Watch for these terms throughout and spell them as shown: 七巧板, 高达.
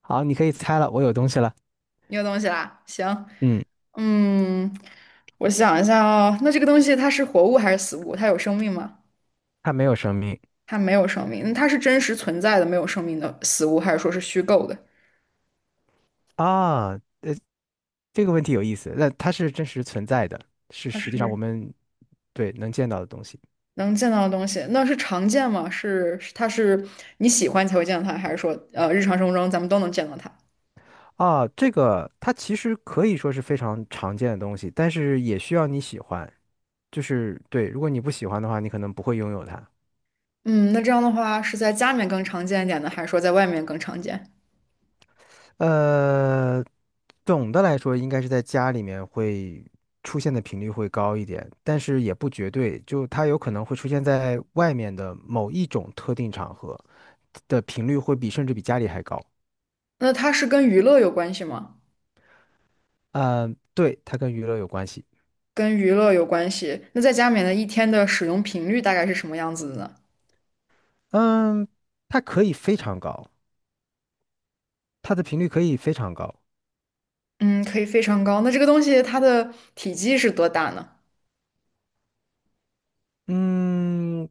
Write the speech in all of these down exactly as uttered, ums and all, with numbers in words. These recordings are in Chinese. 好，你可以猜了，我有东西了。你有东西啦，行，嗯，嗯，我想一下哦，那这个东西它是活物还是死物？它有生命吗？它没有生命。它没有生命，那它是真实存在的没有生命的死物，还是说是虚构的？啊。呃，这个问题有意思。那它是真实存在的，是它实际上我是们对能见到的东西。能见到的东西，那是常见吗？是，是它是你喜欢才会见到它，还是说呃日常生活中咱们都能见到它？啊。这个它其实可以说是非常常见的东西，但是也需要你喜欢。就是对，如果你不喜欢的话，你可能不会拥有它。嗯，那这样的话是在家里面更常见一点呢，还是说在外面更常见？呃，总的来说，应该是在家里面会出现的频率会高一点，但是也不绝对，就它有可能会出现在外面的某一种特定场合。的频率会比甚至比家里还高。那它是跟娱乐有关系吗？嗯，对，它跟娱乐有关系。跟娱乐有关系。那在家里面的一天的使用频率大概是什么样子的呢？嗯，它可以非常高，它的频率可以非常高。嗯，可以非常高。那这个东西它的体积是多大呢？嗯，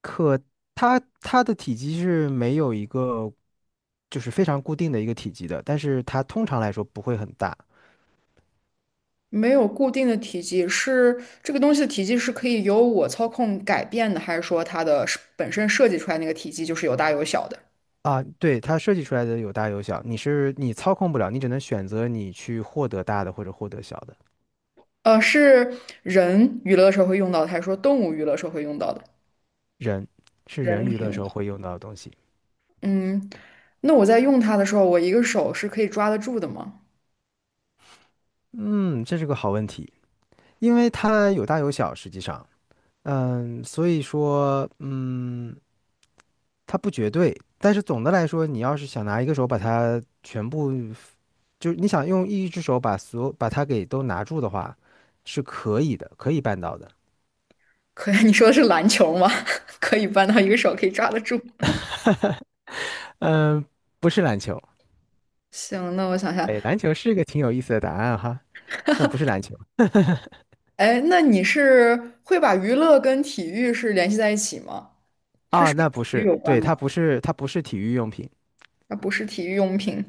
可它它的体积是没有一个就是非常固定的一个体积的，但是它通常来说不会很大。没有固定的体积，是这个东西的体积是可以由我操控改变的，还是说它的是本身设计出来那个体积就是有大有小的？啊。对，它设计出来的有大有小，你是你操控不了，你只能选择你去获得大的或者获得小的。呃，是人娱乐的时候会用到的，还是说动物娱乐时候会用到的？人是人人可娱以乐用时候到。会用到的东西。嗯，那我在用它的时候，我一个手是可以抓得住的吗？嗯，这是个好问题。因为它有大有小，实际上，嗯，所以说，嗯，它不绝对。但是总的来说，你要是想拿一个手把它全部，就是你想用一只手把所有把它给都拿住的话，是可以的，可以办到的。可以，你说的是篮球吗？可以搬到一个手可以抓得住。嗯，不是篮球，行，那我想一下，哎，篮球是个挺有意思的答案哈，但不是篮球。哎，那你是会把娱乐跟体育是联系在一起吗？它啊，是跟那不体育是，有关对，吗？它不是，它不是体育用品，它不是体育用品。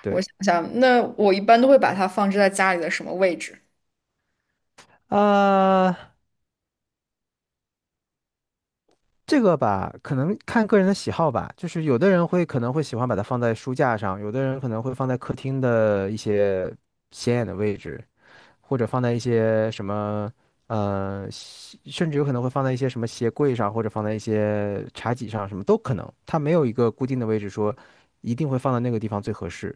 对。我想想，那我一般都会把它放置在家里的什么位置？啊、这个吧，可能看个人的喜好吧，就是有的人会可能会喜欢把它放在书架上，有的人可能会放在客厅的一些显眼的位置，或者放在一些什么，呃，西甚至有可能会放在一些什么鞋柜上，或者放在一些茶几上，什么都可能。它没有一个固定的位置说一定会放在那个地方最合适，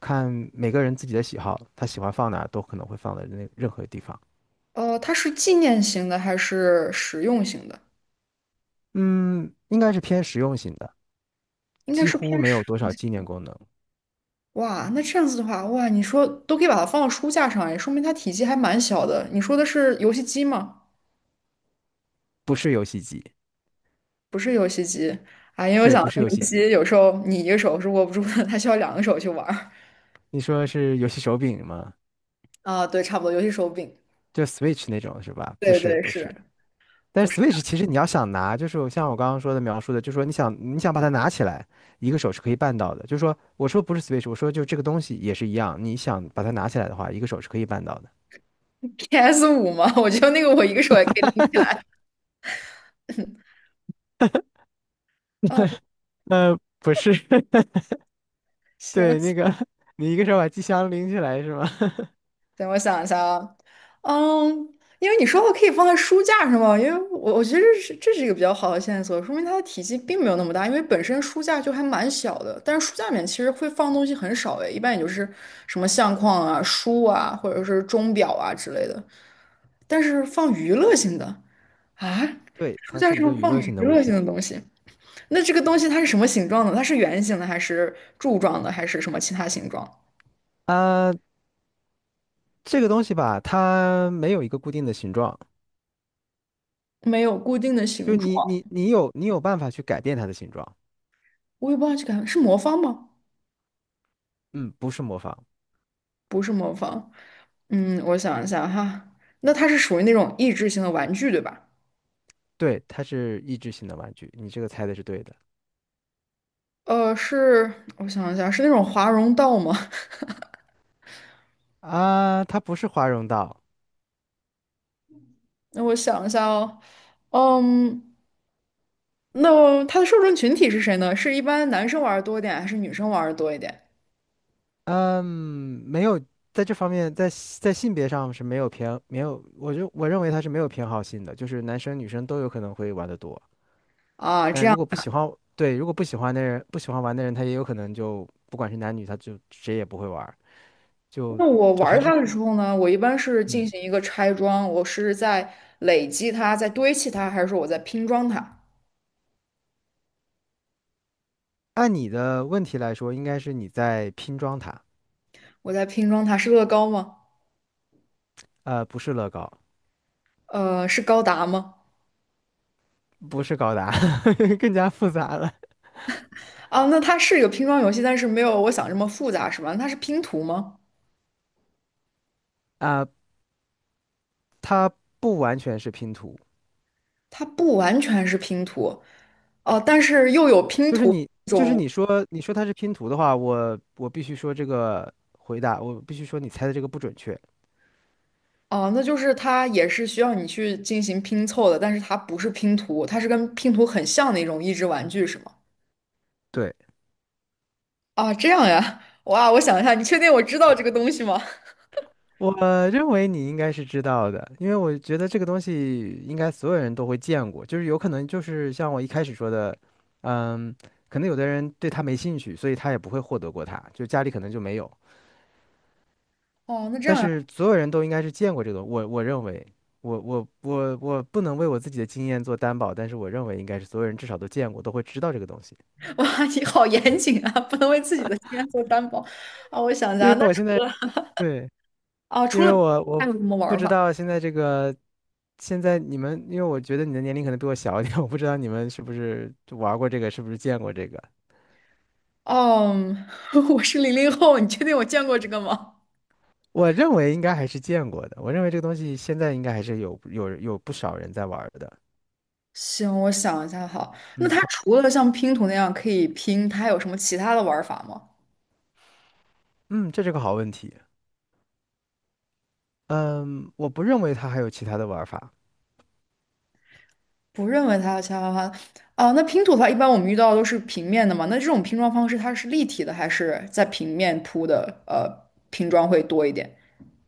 看每个人自己的喜好，他喜欢放哪儿都可能会放在那任何地方。呃，它是纪念型的还是实用型的？嗯，应该是偏实用型的，应该几是乎偏没实有多用少纪型。念功能。哇，那这样子的话，哇，你说都可以把它放到书架上，哎，说明它体积还蛮小的。你说的是游戏机吗？不是游戏机，不是游戏机啊，因为我对，想不到是游游戏戏机。机有时候你一个手是握不住的，它需要两个手去玩儿。你说是游戏手柄吗？啊，对，差不多，游戏手柄。就 Switch 那种是吧？不对是，对不是，是。但不是 是 Switch 其实你要想拿，就是我像我刚刚说的描述的，就是说你想你想把它拿起来，一个手是可以办到的。就是说，我说不是 Switch,我说就这个东西也是一样，你想把它拿起来的话，一个手是可以办到的。P S 五 五吗？我觉得那个我一个手也可以拎起来。嗯，呃，不是，行对，那个 你一个手把机箱拎起来是吗？行，我想一下啊，嗯，因为你说我可以放在书架上嘛，因为我我觉得这是这是一个比较好的线索，说明它的体积并没有那么大，因为本身书架就还蛮小的，但是书架里面其实会放东西很少诶，一般也就是什么相框啊、书啊，或者是钟表啊之类的，但是放娱乐性的啊，对，书它架是一个上娱放乐娱性的物乐性品。的东西。那这个东西它是什么形状的？它是圆形的，还是柱状的，还是什么其他形状？啊、这个东西吧，它没有一个固定的形状，没有固定的就形状，你你你有你有办法去改变它的形状，我也不知道这个是魔方吗？嗯，不是模仿，不是魔方。嗯，我想一下哈，那它是属于那种益智型的玩具，对吧？对，它是益智性的玩具，你这个猜的是对的。呃，是，我想一下，是那种华容道吗？啊，它不是华容道，那我想一下哦，嗯，那它的受众群体是谁呢？是一般男生玩儿多一点，还是女生玩儿多一点？嗯，没有在这方面，在在性别上是没有偏没有，我就我认为它是没有偏好性的，就是男生女生都有可能会玩得多，但啊如果不喜欢，对，如果不喜欢的人不喜欢玩的人，他也有可能就不管是男女，他就谁也不会玩儿，就那我就玩还是它的时候呢，我一般是进嗯，行一个拆装，我是在累积它，在堆砌它，还是说我在拼装它？按你的问题来说，应该是你在拼装它。我在拼装它是乐高吗？呃，不是乐高，呃，是高达吗？不是高达，更加复杂了。啊，那它是一个拼装游戏，但是没有我想这么复杂，是吧？那它是拼图吗？啊，它不完全是拼图，它不完全是拼图，哦、但是又有拼就是图你这就是种，你说你说它是拼图的话，我我必须说这个回答，我必须说你猜的这个不准确。哦、那就是它也是需要你去进行拼凑的，但是它不是拼图，它是跟拼图很像的一种益智玩具，是吗？对，啊，这样呀，哇，我想一下，你确定我知道这个东西吗？我认为你应该是知道的，因为我觉得这个东西应该所有人都会见过，就是有可能就是像我一开始说的，嗯，可能有的人对它没兴趣，所以他也不会获得过它，就家里可能就没有。哦，那这但样呀，是所有人都应该是见过这个我我认为，我我我我不能为我自己的经验做担保，但是我认为应该是所有人至少都见过，都会知道这个东西。哇，你好严谨啊，不能为自己的经验做担保啊。我想一因下，为那我现在对，啊，除因为了我还我有什么玩不儿知法？道现在这个，现在你们，因为我觉得你的年龄可能比我小一点，我不知道你们是不是玩过这个，是不是见过这个。哦，我是零零后，你确定我见过这个吗？我认为应该还是见过的，我认为这个东西现在应该还是有有有不少人在玩儿的。行，我想一下哈。那嗯，它它除了像拼图那样可以拼，它还有什么其他的玩儿法吗？嗯，这是个好问题。嗯，我不认为它还有其他的玩法。不认为它有其他玩儿法啊。那拼图的话，一般我们遇到的都是平面的嘛。那这种拼装方式，它是立体的还是在平面铺的？呃，拼装会多一点。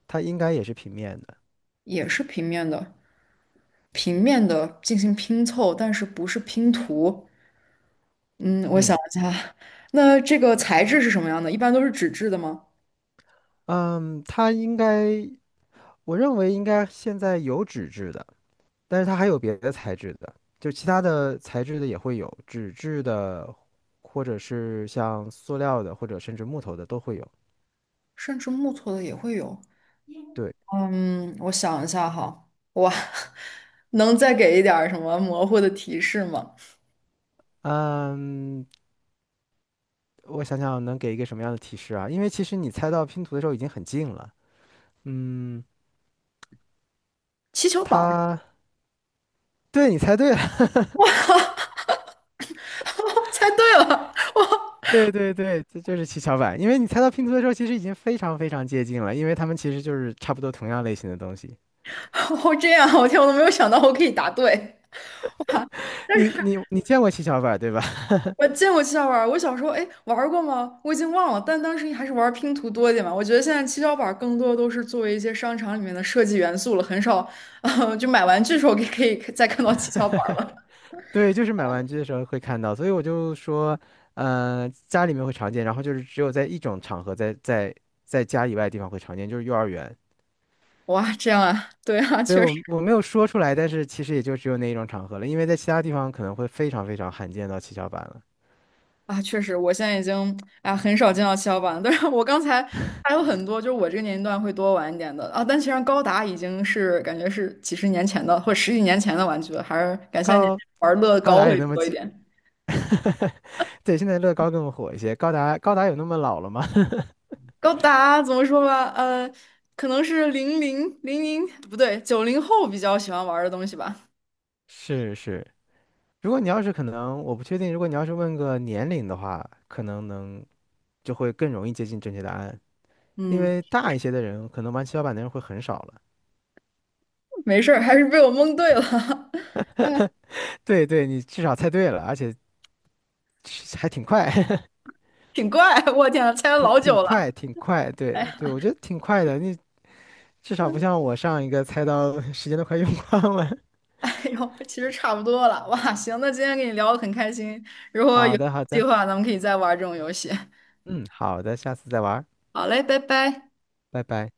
它应该也是平面的。也是平面的，平面的进行拼凑，但是不是拼图。嗯，我想嗯，一下，那这个材质是什么样的？一般都是纸质的吗？嗯，它应该，我认为应该现在有纸质的，但是它还有别的材质的，就其他的材质的也会有，纸质的，或者是像塑料的，或者甚至木头的都会有。甚至木头的也会有。对，嗯，我想一下哈，哇，能再给一点儿什么模糊的提示吗？嗯，我想想能给一个什么样的提示啊？因为其实你猜到拼图的时候已经很近了。嗯，气球板儿，它，对，你猜对了， 猜对了。对对对，这就是七巧板。因为你猜到拼图的时候，其实已经非常非常接近了，因为它们其实就是差不多同样类型的东西。哦，这样，我天，我都没有想到我可以答对。哇，但你是你你见过七巧板对吧？我见过七巧板儿我小时候哎玩儿过吗？我已经忘了，但当时还是玩儿拼图多一点嘛。我觉得现在七巧板儿更多都是作为一些商场里面的设计元素了，很少，啊，就买玩具的时候可以可以再看到七巧板儿了。对，就是买玩具的时候会看到，所以我就说，嗯、家里面会常见，然后就是只有在一种场合在，在在家以外的地方会常见，就是幼儿园。哇，这样啊，对啊，对，确实我我没有说出来，但是其实也就只有那一种场合了，因为在其他地方可能会非常非常罕见到七巧板了。啊，确实，我现在已经啊很少见到七巧板了，但是我刚才还有很多，就是我这个年龄段会多玩一点的啊，但其实高达已经是感觉是几十年前的或者十几年前的玩具了，还是感谢你高玩乐高高达也会那么多一近，点。对，现在乐高更火一些。高达高达有那么老了吗？高达怎么说吧，呃，可能是零零零零不对，九零后比较喜欢玩儿的东西吧。是是，如果你要是可能，我不确定。如果你要是问个年龄的话，可能能就会更容易接近正确答案，因嗯，为大一些的人可能玩七巧板的人会很少了。没事儿，还是被我蒙对了，对对，你至少猜对了，而且是还挺快，挺怪。我天啊，猜了挺老挺久快，了。挺快。哎对对，呀，我觉得挺快的。你至少不像我上一个猜到 时间都快用光了。哎呦，其实差不多了。哇，行，那今天跟你聊得很开心，如果有好的好计的，划，咱们可以再玩这种游戏。嗯，好的，下次再玩儿。好嘞，拜拜。拜拜。